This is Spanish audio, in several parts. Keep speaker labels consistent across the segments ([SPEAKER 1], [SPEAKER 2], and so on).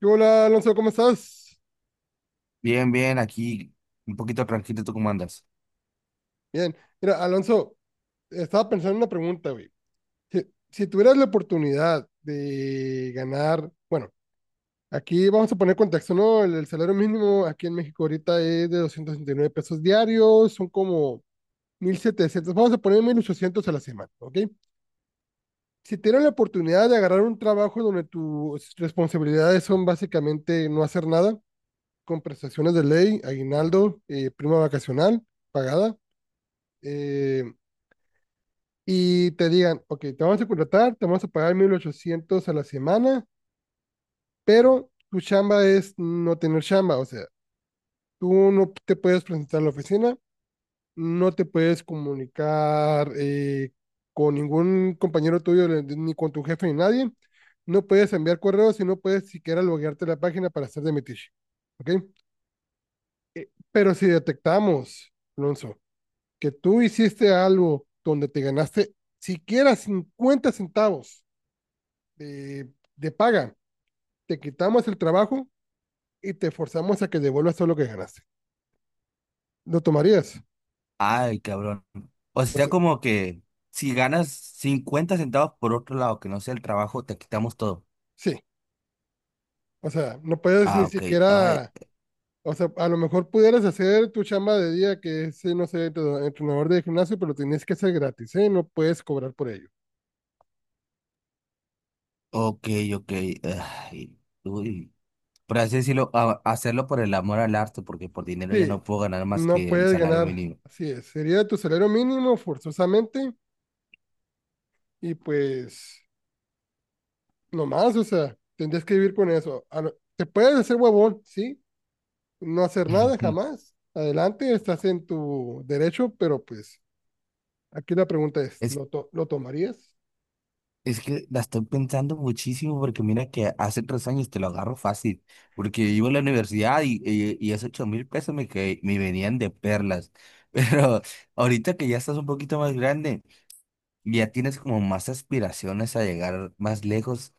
[SPEAKER 1] ¿Qué Hola, Alonso, ¿cómo estás?
[SPEAKER 2] Bien, bien, aquí un poquito tranquilo, ¿tú cómo andas?
[SPEAKER 1] Bien. Mira, Alonso, estaba pensando en una pregunta, güey. Si, si tuvieras la oportunidad de ganar, bueno, aquí vamos a poner contexto, ¿no? El salario mínimo aquí en México ahorita es de 269 pesos diarios, son como 1,700. Vamos a poner 1,800 a la semana, ¿ok? Si tuvieras la oportunidad de agarrar un trabajo donde tus responsabilidades son básicamente no hacer nada, con prestaciones de ley, aguinaldo, prima vacacional pagada, eh, y te digan, ok, te vamos a contratar, te vamos a pagar 1,800 a la semana, pero tu chamba es no tener chamba, o sea, tú no te puedes presentar a la oficina, no te puedes comunicar con ningún compañero tuyo, ni con tu jefe, ni nadie, no puedes enviar correos y no puedes siquiera loguearte a la página para hacer de metiche, ¿ok? Pero si detectamos, Alonso, que tú hiciste algo donde te ganaste siquiera 50 centavos, de, de paga, te quitamos el trabajo y te forzamos a que devuelvas todo lo que ganaste. ¿Lo tomarías?
[SPEAKER 2] Ay, cabrón. O
[SPEAKER 1] O
[SPEAKER 2] sea,
[SPEAKER 1] sea,
[SPEAKER 2] como que si ganas 50 centavos por otro lado, que no sea el trabajo, te quitamos todo.
[SPEAKER 1] sí, o sea, no puedes ni
[SPEAKER 2] Ah, ok. Ay,
[SPEAKER 1] siquiera, o sea, a lo mejor pudieras hacer tu chamba de día que es, no sé, entrenador de gimnasio, pero tienes que hacer gratis, ¿eh? No puedes cobrar por ello.
[SPEAKER 2] ok, ok. Ay, uy. Por así decirlo, hacerlo por el amor al arte, porque por dinero ya
[SPEAKER 1] Sí,
[SPEAKER 2] no puedo ganar más
[SPEAKER 1] no
[SPEAKER 2] que el
[SPEAKER 1] puedes
[SPEAKER 2] salario
[SPEAKER 1] ganar,
[SPEAKER 2] mínimo.
[SPEAKER 1] así es. Sería tu salario mínimo forzosamente y pues, no más o sea, tendrías que vivir con eso. Te puedes hacer huevón, sí, no hacer nada jamás. Adelante, estás en tu derecho, pero pues aquí la pregunta es,
[SPEAKER 2] Es
[SPEAKER 1] ¿lo tomarías?
[SPEAKER 2] Es que la estoy pensando muchísimo porque mira que hace 3 años te lo agarro fácil, porque iba a la universidad y esos 8,000 pesos que me venían de perlas. Pero ahorita que ya estás un poquito más grande ya tienes como más aspiraciones a llegar más lejos,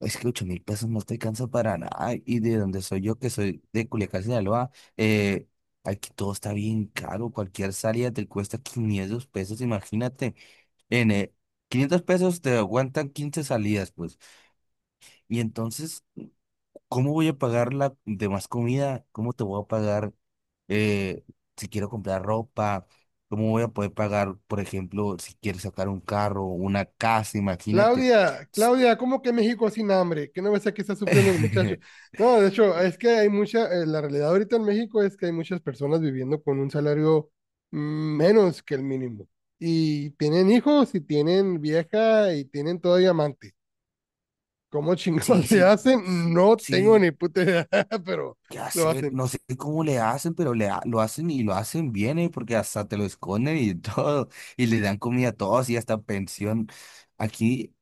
[SPEAKER 2] es que 8,000 pesos no te alcanza para nada y de donde soy yo, que soy de Culiacán, Sinaloa, eh, aquí todo está bien caro, cualquier salida te cuesta 500 pesos, imagínate. N, 500 pesos te aguantan 15 salidas, pues. Y entonces, ¿cómo voy a pagar la demás comida? ¿Cómo te voy a pagar, eh, si quiero comprar ropa? ¿Cómo voy a poder pagar, por ejemplo, si quieres sacar un carro, una casa? Imagínate.
[SPEAKER 1] Claudia, Claudia, ¿cómo que México sin hambre? ¿Qué no ves aquí está sufriendo el muchacho? No, de hecho, es que hay mucha, la realidad ahorita en México es que hay muchas personas viviendo con un salario mm, menos que el mínimo. Y tienen hijos y tienen vieja y tienen todavía amante. ¿Cómo
[SPEAKER 2] Sí,
[SPEAKER 1] chingados le
[SPEAKER 2] sí,
[SPEAKER 1] hacen? No tengo
[SPEAKER 2] sí,
[SPEAKER 1] ni puta idea, pero
[SPEAKER 2] ¿qué
[SPEAKER 1] lo
[SPEAKER 2] hacer?
[SPEAKER 1] hacen.
[SPEAKER 2] No sé cómo le hacen, pero lo hacen y lo hacen bien, ¿eh? Porque hasta te lo esconden y todo, y le dan comida a todos y hasta pensión. Aquí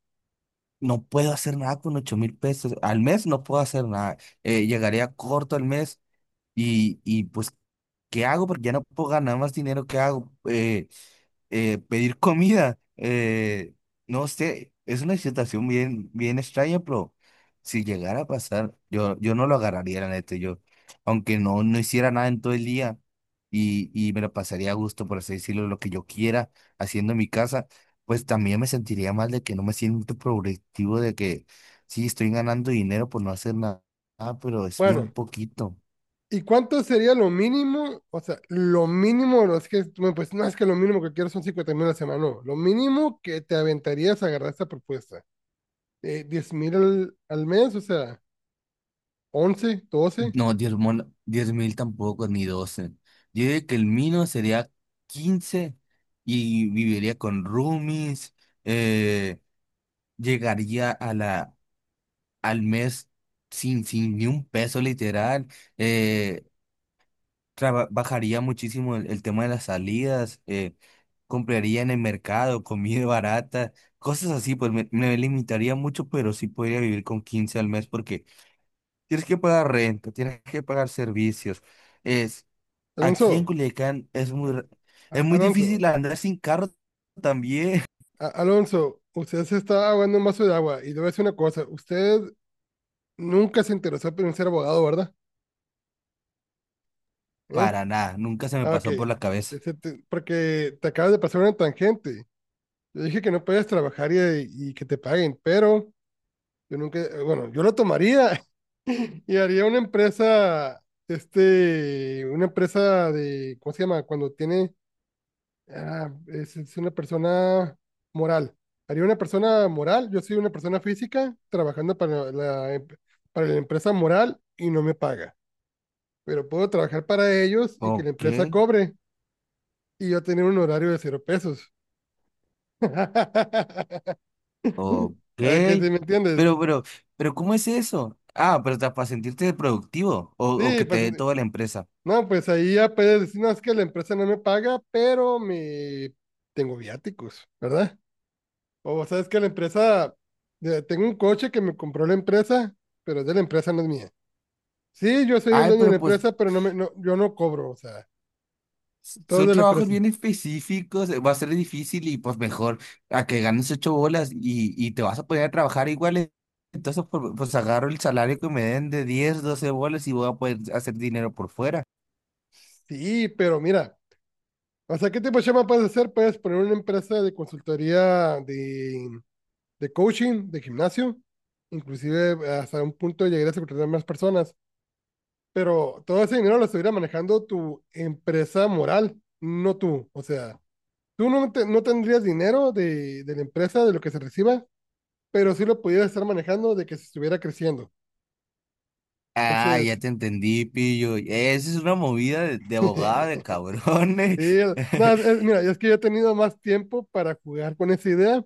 [SPEAKER 2] No puedo hacer nada con 8,000 pesos. Al mes no puedo hacer nada. Llegaría corto al mes, y pues, ¿qué hago? Porque ya no puedo ganar más dinero. ¿Qué hago? Pedir comida. No sé, es una situación bien, bien extraña, pero si llegara a pasar, yo no lo agarraría, la neta, yo, aunque no hiciera nada en todo el día, y me lo pasaría a gusto, por así decirlo, lo que yo quiera haciendo en mi casa, pues también me sentiría mal de que no me siento productivo, de que sí estoy ganando dinero por no hacer nada, pero es bien
[SPEAKER 1] Bueno.
[SPEAKER 2] poquito.
[SPEAKER 1] ¿Y cuánto sería lo mínimo? O sea, lo mínimo, no es que tú me pues, no es que lo mínimo que quiero son 50 mil a la semana, no. Lo mínimo que te aventarías a agarrar esta propuesta. 10 mil al mes, o sea, once, doce.
[SPEAKER 2] No, diez mil tampoco, ni 12. Yo diría que el mínimo sería 15 y viviría con roomies. eh, llegaría a la, al mes sin ni un peso literal. eh, bajaría muchísimo el tema de las salidas. Compraría en el mercado comida barata. Cosas así, pues me limitaría mucho, pero sí podría vivir con 15 al mes porque tienes que pagar renta, tienes que pagar servicios. Es Aquí en
[SPEAKER 1] Alonso,
[SPEAKER 2] Culiacán es
[SPEAKER 1] a-
[SPEAKER 2] muy difícil
[SPEAKER 1] Alonso,
[SPEAKER 2] andar sin carro también.
[SPEAKER 1] Alonso, usted se está ahogando un vaso de agua. Y le voy a decir una cosa, usted nunca se interesó en ser abogado, ¿verdad? ¿Eh?
[SPEAKER 2] Para nada, nunca se me
[SPEAKER 1] Ah, ok.
[SPEAKER 2] pasó por la cabeza.
[SPEAKER 1] Porque te acabas de pasar una tangente. Yo dije que no puedes trabajar y que te paguen, pero... Yo nunca, bueno, yo lo tomaría y haría una empresa, este, una empresa de, ¿cómo se llama? Cuando tiene, ah, es una persona moral. Haría una persona moral, yo soy una persona física trabajando para la, para la empresa moral y no me paga, pero puedo trabajar para ellos y que la
[SPEAKER 2] Ok,
[SPEAKER 1] empresa cobre y yo tener un horario de cero pesos.
[SPEAKER 2] ok.
[SPEAKER 1] ¿A que si me entiendes?
[SPEAKER 2] Pero, pero, pero, ¿cómo es eso? Ah, pero para sentirte productivo o
[SPEAKER 1] Sí,
[SPEAKER 2] que te
[SPEAKER 1] pues
[SPEAKER 2] dé toda la empresa.
[SPEAKER 1] no, pues ahí ya puedes decir, no, es que la empresa no me paga, pero me tengo viáticos, ¿verdad? O sabes que la empresa, tengo un coche que me compró la empresa, pero es de la empresa, no es mía. Sí, yo soy el
[SPEAKER 2] Ay,
[SPEAKER 1] dueño de la
[SPEAKER 2] pero pues
[SPEAKER 1] empresa, pero no me, no, yo no cobro, o sea, todo es
[SPEAKER 2] son
[SPEAKER 1] de la
[SPEAKER 2] trabajos
[SPEAKER 1] empresa.
[SPEAKER 2] bien específicos. Va a ser difícil y pues mejor a que ganes ocho bolas y te vas a poner a trabajar igual. Entonces, pues agarro el salario que me den de 10 12 bolas y voy a poder hacer dinero por fuera.
[SPEAKER 1] Sí, pero mira, o sea, ¿qué tipo de chamba puedes hacer? Puedes poner una empresa de consultoría, de coaching, de gimnasio, inclusive hasta un punto llegar a contratar más personas, pero todo ese dinero lo estuviera manejando tu empresa moral, no tú. O sea, tú no, no tendrías dinero de la empresa, de lo que se reciba, pero sí lo pudieras estar manejando de que se estuviera creciendo.
[SPEAKER 2] Ah, ya
[SPEAKER 1] Entonces,
[SPEAKER 2] te entendí, pillo. Esa es una movida de abogada de
[SPEAKER 1] sí,
[SPEAKER 2] cabrones.
[SPEAKER 1] el- no, es- mira, es que yo he tenido más tiempo para jugar con esa idea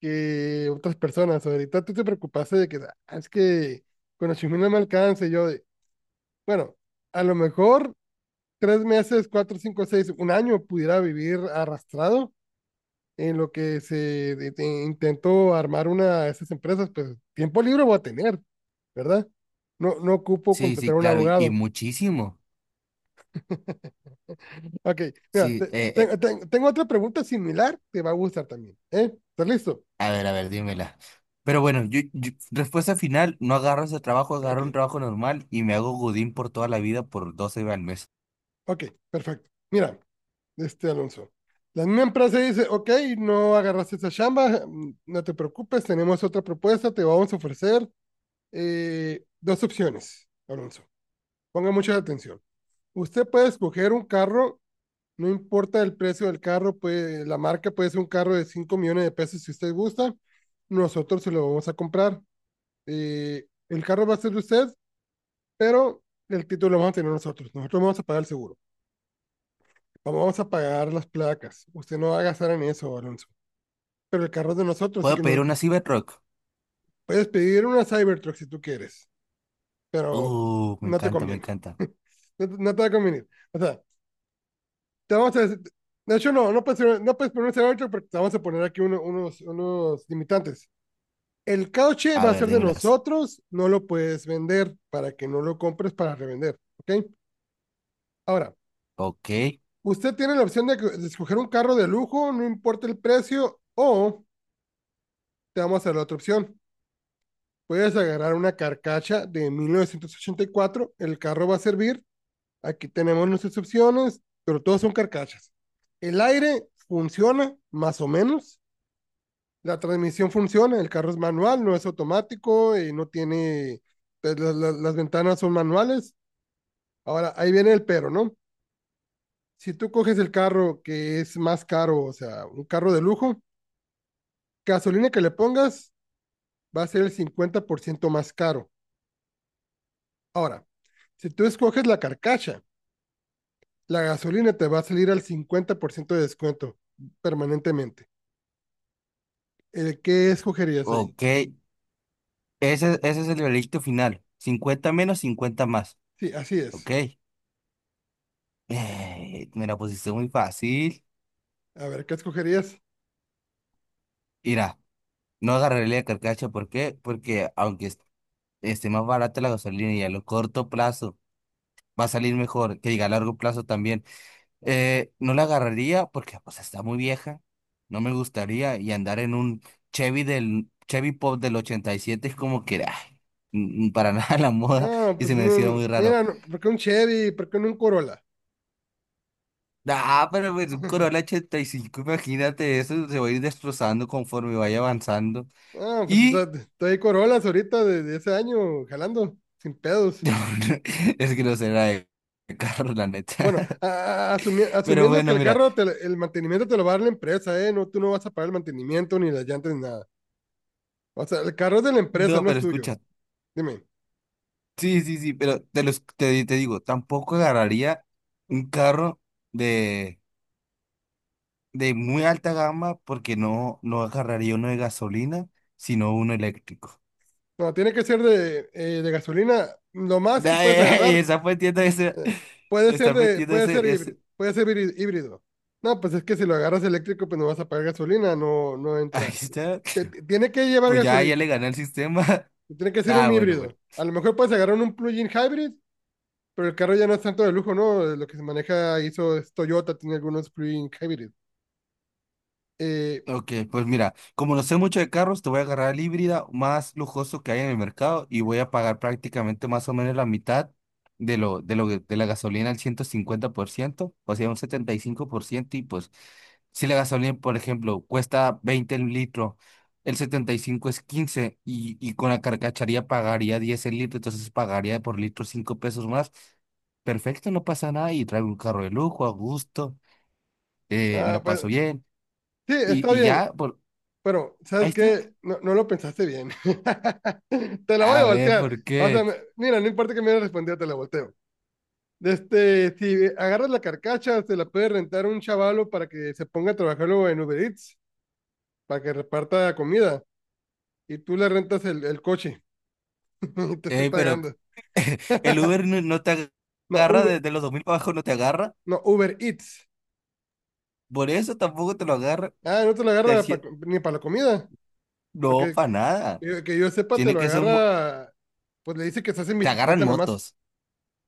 [SPEAKER 1] que otras personas. Ahorita tú te preocupaste de que "Ah, es que con los no me alcanza y yo de, bueno, a lo mejor tres meses, cuatro, cinco, seis, un año pudiera vivir arrastrado en lo que se intento armar una de esas empresas, pues tiempo libre voy a tener, ¿verdad? No, no ocupo
[SPEAKER 2] Sí, sí,
[SPEAKER 1] contratar a un
[SPEAKER 2] claro, y
[SPEAKER 1] abogado.
[SPEAKER 2] muchísimo.
[SPEAKER 1] Ok, mira,
[SPEAKER 2] Sí,
[SPEAKER 1] tengo otra pregunta similar, te va a gustar también, ¿eh? ¿Estás listo?
[SPEAKER 2] a ver, dímela. Pero bueno, respuesta final, no agarro ese trabajo,
[SPEAKER 1] Ok,
[SPEAKER 2] agarro un trabajo normal y me hago godín por toda la vida por 12 al mes.
[SPEAKER 1] ok, perfecto. Mira, este Alonso, la misma empresa dice, ok, no agarraste esa chamba, mm, no te preocupes, tenemos otra propuesta, te vamos a ofrecer dos opciones, Alonso. Ponga mucha atención. Usted puede escoger un carro. No importa el precio del carro, puede, la marca puede ser un carro de 5 millones de pesos si usted gusta. Nosotros se lo vamos a comprar. El carro va a ser de usted, pero el título lo vamos a tener nosotros. Nosotros vamos a pagar el seguro. Vamos a pagar las placas. Usted no va a gastar en eso, Alonso. Pero el carro es de nosotros, así
[SPEAKER 2] ¿Puedo
[SPEAKER 1] que
[SPEAKER 2] pedir
[SPEAKER 1] nos,
[SPEAKER 2] una Cybertruck?
[SPEAKER 1] puedes pedir una Cybertruck si tú quieres, pero
[SPEAKER 2] Me
[SPEAKER 1] no te
[SPEAKER 2] encanta, me
[SPEAKER 1] conviene.
[SPEAKER 2] encanta.
[SPEAKER 1] No, no, te va a convenir. O sea, te vamos a decir, de hecho, no, no puedes, no puedes poner un Cybertruck porque te vamos a poner aquí uno, unos, unos limitantes. El cauche
[SPEAKER 2] A
[SPEAKER 1] va a
[SPEAKER 2] ver,
[SPEAKER 1] ser de
[SPEAKER 2] dímelas.
[SPEAKER 1] nosotros, no lo puedes vender para que no lo compres para revender, ¿ok? Ahora,
[SPEAKER 2] Ok,
[SPEAKER 1] usted tiene la opción de escoger un carro de lujo, no importa el precio, o te vamos a dar la otra opción. Puedes agarrar una carcacha de 1984, el carro va a servir, aquí tenemos nuestras opciones, pero todas son carcachas. El aire funciona, más o menos, la transmisión funciona, el carro es manual, no es automático, y no tiene, pues, las ventanas son manuales. Ahora, ahí viene el pero, ¿no? Si tú coges el carro que es más caro, o sea, un carro de lujo, gasolina que le pongas va a ser el 50% más caro. Ahora, si tú escoges la carcacha, la gasolina te va a salir al 50% de descuento permanentemente. ¿El qué escogerías ahí?
[SPEAKER 2] ok. Ese es el veredicto final. 50 menos, 50 más.
[SPEAKER 1] Sí, así
[SPEAKER 2] Ok.
[SPEAKER 1] es.
[SPEAKER 2] Me la pusiste muy fácil.
[SPEAKER 1] A ver, ¿qué escogerías?
[SPEAKER 2] Mira, no agarraré la carcacha. ¿Por qué? Porque aunque esté más barata la gasolina y a lo corto plazo va a salir mejor, que diga a largo plazo también. No la agarraría porque pues está muy vieja. No me gustaría y andar en un Chevy del Chevy Pop del 87 es como que ay, mm, para nada la moda
[SPEAKER 1] Ah,
[SPEAKER 2] y se
[SPEAKER 1] pues
[SPEAKER 2] me decía
[SPEAKER 1] no,
[SPEAKER 2] muy raro.
[SPEAKER 1] mira, no, ¿por qué un Chevy? ¿Por qué no un Corolla?
[SPEAKER 2] Ah, pero pues, un Corolla 85, imagínate eso, se va a ir destrozando conforme vaya avanzando.
[SPEAKER 1] Ah,
[SPEAKER 2] y
[SPEAKER 1] estoy Corollas ahorita de ese año, jalando, sin pedos.
[SPEAKER 2] No, no, es que no será de carro, la neta.
[SPEAKER 1] Bueno,
[SPEAKER 2] Pero
[SPEAKER 1] asumiendo que
[SPEAKER 2] bueno,
[SPEAKER 1] el
[SPEAKER 2] mira,
[SPEAKER 1] carro, te el mantenimiento te lo va a dar la empresa, ¿eh? No, tú no vas a pagar el mantenimiento, ni las llantas, ni nada. O sea, el carro es de la empresa,
[SPEAKER 2] no,
[SPEAKER 1] no es
[SPEAKER 2] pero
[SPEAKER 1] tuyo.
[SPEAKER 2] escucha,
[SPEAKER 1] Dime.
[SPEAKER 2] sí, sí, sí, pero te, los, te, di- te digo, tampoco agarraría un carro de, de muy alta gama porque no agarraría uno de gasolina, sino uno eléctrico.
[SPEAKER 1] No, tiene que ser de gasolina. Lo más que puedes
[SPEAKER 2] Ay,
[SPEAKER 1] agarrar,
[SPEAKER 2] está metiendo ese,
[SPEAKER 1] eh, puede ser
[SPEAKER 2] estar
[SPEAKER 1] de,
[SPEAKER 2] metiendo
[SPEAKER 1] puede ser
[SPEAKER 2] ese,
[SPEAKER 1] híbrido,
[SPEAKER 2] ese,
[SPEAKER 1] puede ser híbrido. No, pues es que si lo agarras eléctrico, pues no vas a pagar gasolina, no, no
[SPEAKER 2] ahí
[SPEAKER 1] entra.
[SPEAKER 2] está.
[SPEAKER 1] Tiene que llevar
[SPEAKER 2] Pues ya
[SPEAKER 1] gasolina,
[SPEAKER 2] le gané el sistema.
[SPEAKER 1] tiene que ser
[SPEAKER 2] Ah,
[SPEAKER 1] un
[SPEAKER 2] bueno, bueno.
[SPEAKER 1] híbrido. A lo mejor puedes agarrar un plug-in hybrid. Pero el carro ya no es tanto de lujo, ¿no? Lo que se maneja hizo es Toyota, tiene algunos plug-in hybrid. Eh,
[SPEAKER 2] Ok, pues mira, como no sé mucho de carros, te voy a agarrar el híbrida más lujoso que hay en el mercado y voy a pagar prácticamente más o menos la mitad de la gasolina al 150%, o sea, un 75%, y pues si la gasolina, por ejemplo, cuesta 20 el litro, el 75 es 15, y con la carcacharía pagaría 10 el litro, entonces pagaría por litro 5 pesos más. Perfecto, no pasa nada y traigo un carro de lujo, a gusto, me
[SPEAKER 1] ah,
[SPEAKER 2] la
[SPEAKER 1] pues,
[SPEAKER 2] paso bien,
[SPEAKER 1] sí, está
[SPEAKER 2] y
[SPEAKER 1] bien.
[SPEAKER 2] ya,
[SPEAKER 1] Pero, ¿sabes
[SPEAKER 2] ahí está.
[SPEAKER 1] qué? No, no lo pensaste bien. Te la voy a
[SPEAKER 2] A ver,
[SPEAKER 1] voltear.
[SPEAKER 2] ¿por
[SPEAKER 1] O sea,
[SPEAKER 2] qué?
[SPEAKER 1] mira, no importa que me hayas respondido, te la volteo. Este, si agarras la carcacha, se la puede rentar un chavalo para que se ponga a trabajarlo en Uber Eats, para que reparta comida. Y tú le rentas el coche y te estoy
[SPEAKER 2] Ey, pero
[SPEAKER 1] pagando.
[SPEAKER 2] el Uber no te
[SPEAKER 1] No,
[SPEAKER 2] agarra
[SPEAKER 1] Uber,
[SPEAKER 2] desde los 2000 para abajo, no te agarra.
[SPEAKER 1] no, Uber Eats.
[SPEAKER 2] Por eso tampoco te lo agarra.
[SPEAKER 1] Ah, no te la
[SPEAKER 2] Te
[SPEAKER 1] agarra pa-
[SPEAKER 2] hacía-
[SPEAKER 1] ni para la comida.
[SPEAKER 2] No,
[SPEAKER 1] Porque
[SPEAKER 2] para
[SPEAKER 1] que,
[SPEAKER 2] nada.
[SPEAKER 1] que que yo sepa, te
[SPEAKER 2] Tiene
[SPEAKER 1] lo
[SPEAKER 2] que ser un.
[SPEAKER 1] agarra, pues le dice que estás en
[SPEAKER 2] Te agarran
[SPEAKER 1] bicicleta nomás.
[SPEAKER 2] motos.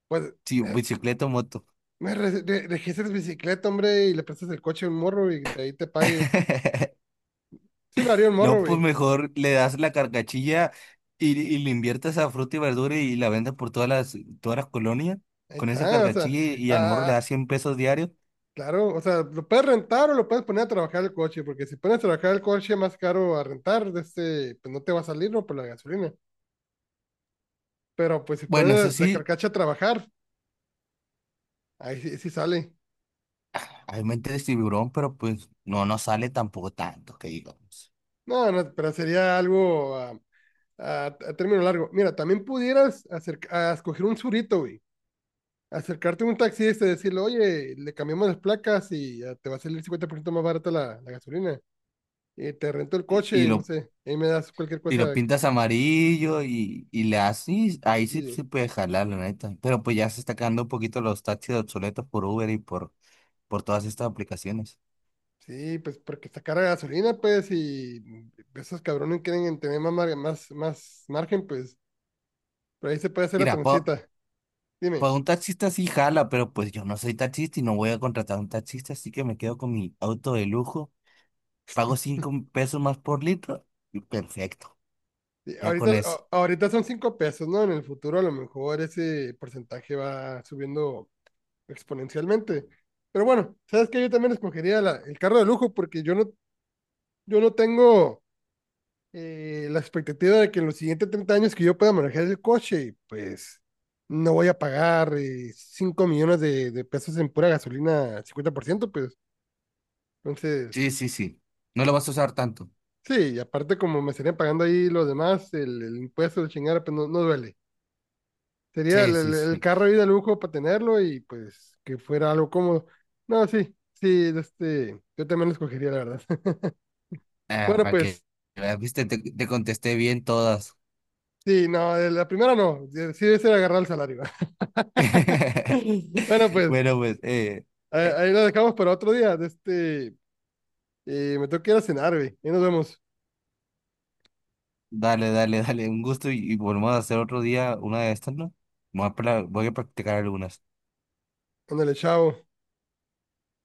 [SPEAKER 1] Pues,
[SPEAKER 2] Sí,
[SPEAKER 1] eh,
[SPEAKER 2] bicicleta o moto.
[SPEAKER 1] me registras bicicleta, hombre, y le prestas el coche a un morro y te- ahí te pague. Sí lo haría un
[SPEAKER 2] No,
[SPEAKER 1] morro,
[SPEAKER 2] pues
[SPEAKER 1] güey.
[SPEAKER 2] mejor le das la carcachilla, y le inviertes a fruta y verdura y la vendes por todas las colonias
[SPEAKER 1] Ahí
[SPEAKER 2] con esa
[SPEAKER 1] está, o sea,
[SPEAKER 2] carcachilla y al morro le
[SPEAKER 1] ah,
[SPEAKER 2] das 100 pesos diarios.
[SPEAKER 1] claro, o sea, lo puedes rentar o lo puedes poner a trabajar el coche, porque si pones a trabajar el coche más caro a rentar, de este, pues no te va a salir, ¿no? Por la gasolina. Pero pues si
[SPEAKER 2] Bueno, eso
[SPEAKER 1] pones la
[SPEAKER 2] sí.
[SPEAKER 1] carcacha a trabajar, ahí sí, sí sale.
[SPEAKER 2] Hay mente de tiburón, pero pues no nos sale tampoco tanto, que digamos.
[SPEAKER 1] No, no, pero sería algo ah, a término largo. Mira, también pudieras acerca, a escoger un surito, güey. Acercarte a un taxista y decirle, oye, le cambiamos las placas y ya te va a salir 50% más barata la gasolina. Y te rento el
[SPEAKER 2] Y, y
[SPEAKER 1] coche, no
[SPEAKER 2] lo,
[SPEAKER 1] sé. Ahí me das cualquier
[SPEAKER 2] y lo
[SPEAKER 1] cosa. Que-
[SPEAKER 2] pintas amarillo, y le haces ahí sí
[SPEAKER 1] sí,
[SPEAKER 2] se puede jalar, la neta. Pero pues ya se está quedando un poquito los taxis obsoletos por Uber y por todas estas aplicaciones.
[SPEAKER 1] sí, pues porque está cara la gasolina, pues, y esos cabrones quieren tener más margen, pues. Pero ahí se puede hacer la
[SPEAKER 2] Mira,
[SPEAKER 1] transita. Dime.
[SPEAKER 2] por un taxista sí jala, pero pues yo no soy taxista y no voy a contratar a un taxista, así que me quedo con mi auto de lujo, pago 5 pesos más por litro y perfecto,
[SPEAKER 1] Sí,
[SPEAKER 2] ya
[SPEAKER 1] ahorita,
[SPEAKER 2] con eso.
[SPEAKER 1] ahorita son 5 pesos, ¿no? En el futuro a lo mejor ese porcentaje va subiendo exponencialmente. Pero bueno, sabes que yo también escogería el carro de lujo porque yo no, yo no tengo la expectativa de que en los siguientes 30 años que yo pueda manejar el coche, y pues no voy a pagar 5 millones de pesos en pura gasolina al 50%, pues entonces,
[SPEAKER 2] Sí, sí, sí. No lo vas a usar tanto.
[SPEAKER 1] sí, y aparte como me estarían pagando ahí los demás, el impuesto, el chingar, pues no, no duele. Sería
[SPEAKER 2] Sí,
[SPEAKER 1] el,
[SPEAKER 2] sí,
[SPEAKER 1] el
[SPEAKER 2] sí.
[SPEAKER 1] carro ahí de lujo para tenerlo y pues que fuera algo cómodo. No, sí, sí, este, yo también lo escogería, la verdad.
[SPEAKER 2] Ah,
[SPEAKER 1] Bueno,
[SPEAKER 2] para que
[SPEAKER 1] pues,
[SPEAKER 2] veas, viste, te contesté bien todas.
[SPEAKER 1] sí, no, la primera no, sí es el agarrar el salario. Bueno, pues,
[SPEAKER 2] Bueno, pues,
[SPEAKER 1] ahí
[SPEAKER 2] eh,
[SPEAKER 1] ahí lo dejamos para otro día. De este, me tengo que ir a cenar, güey. Ahí nos vemos.
[SPEAKER 2] dale, dale, dale, un gusto, y volvemos a hacer otro día una de estas, ¿no? Voy a practicar algunas.
[SPEAKER 1] Ándale, chao.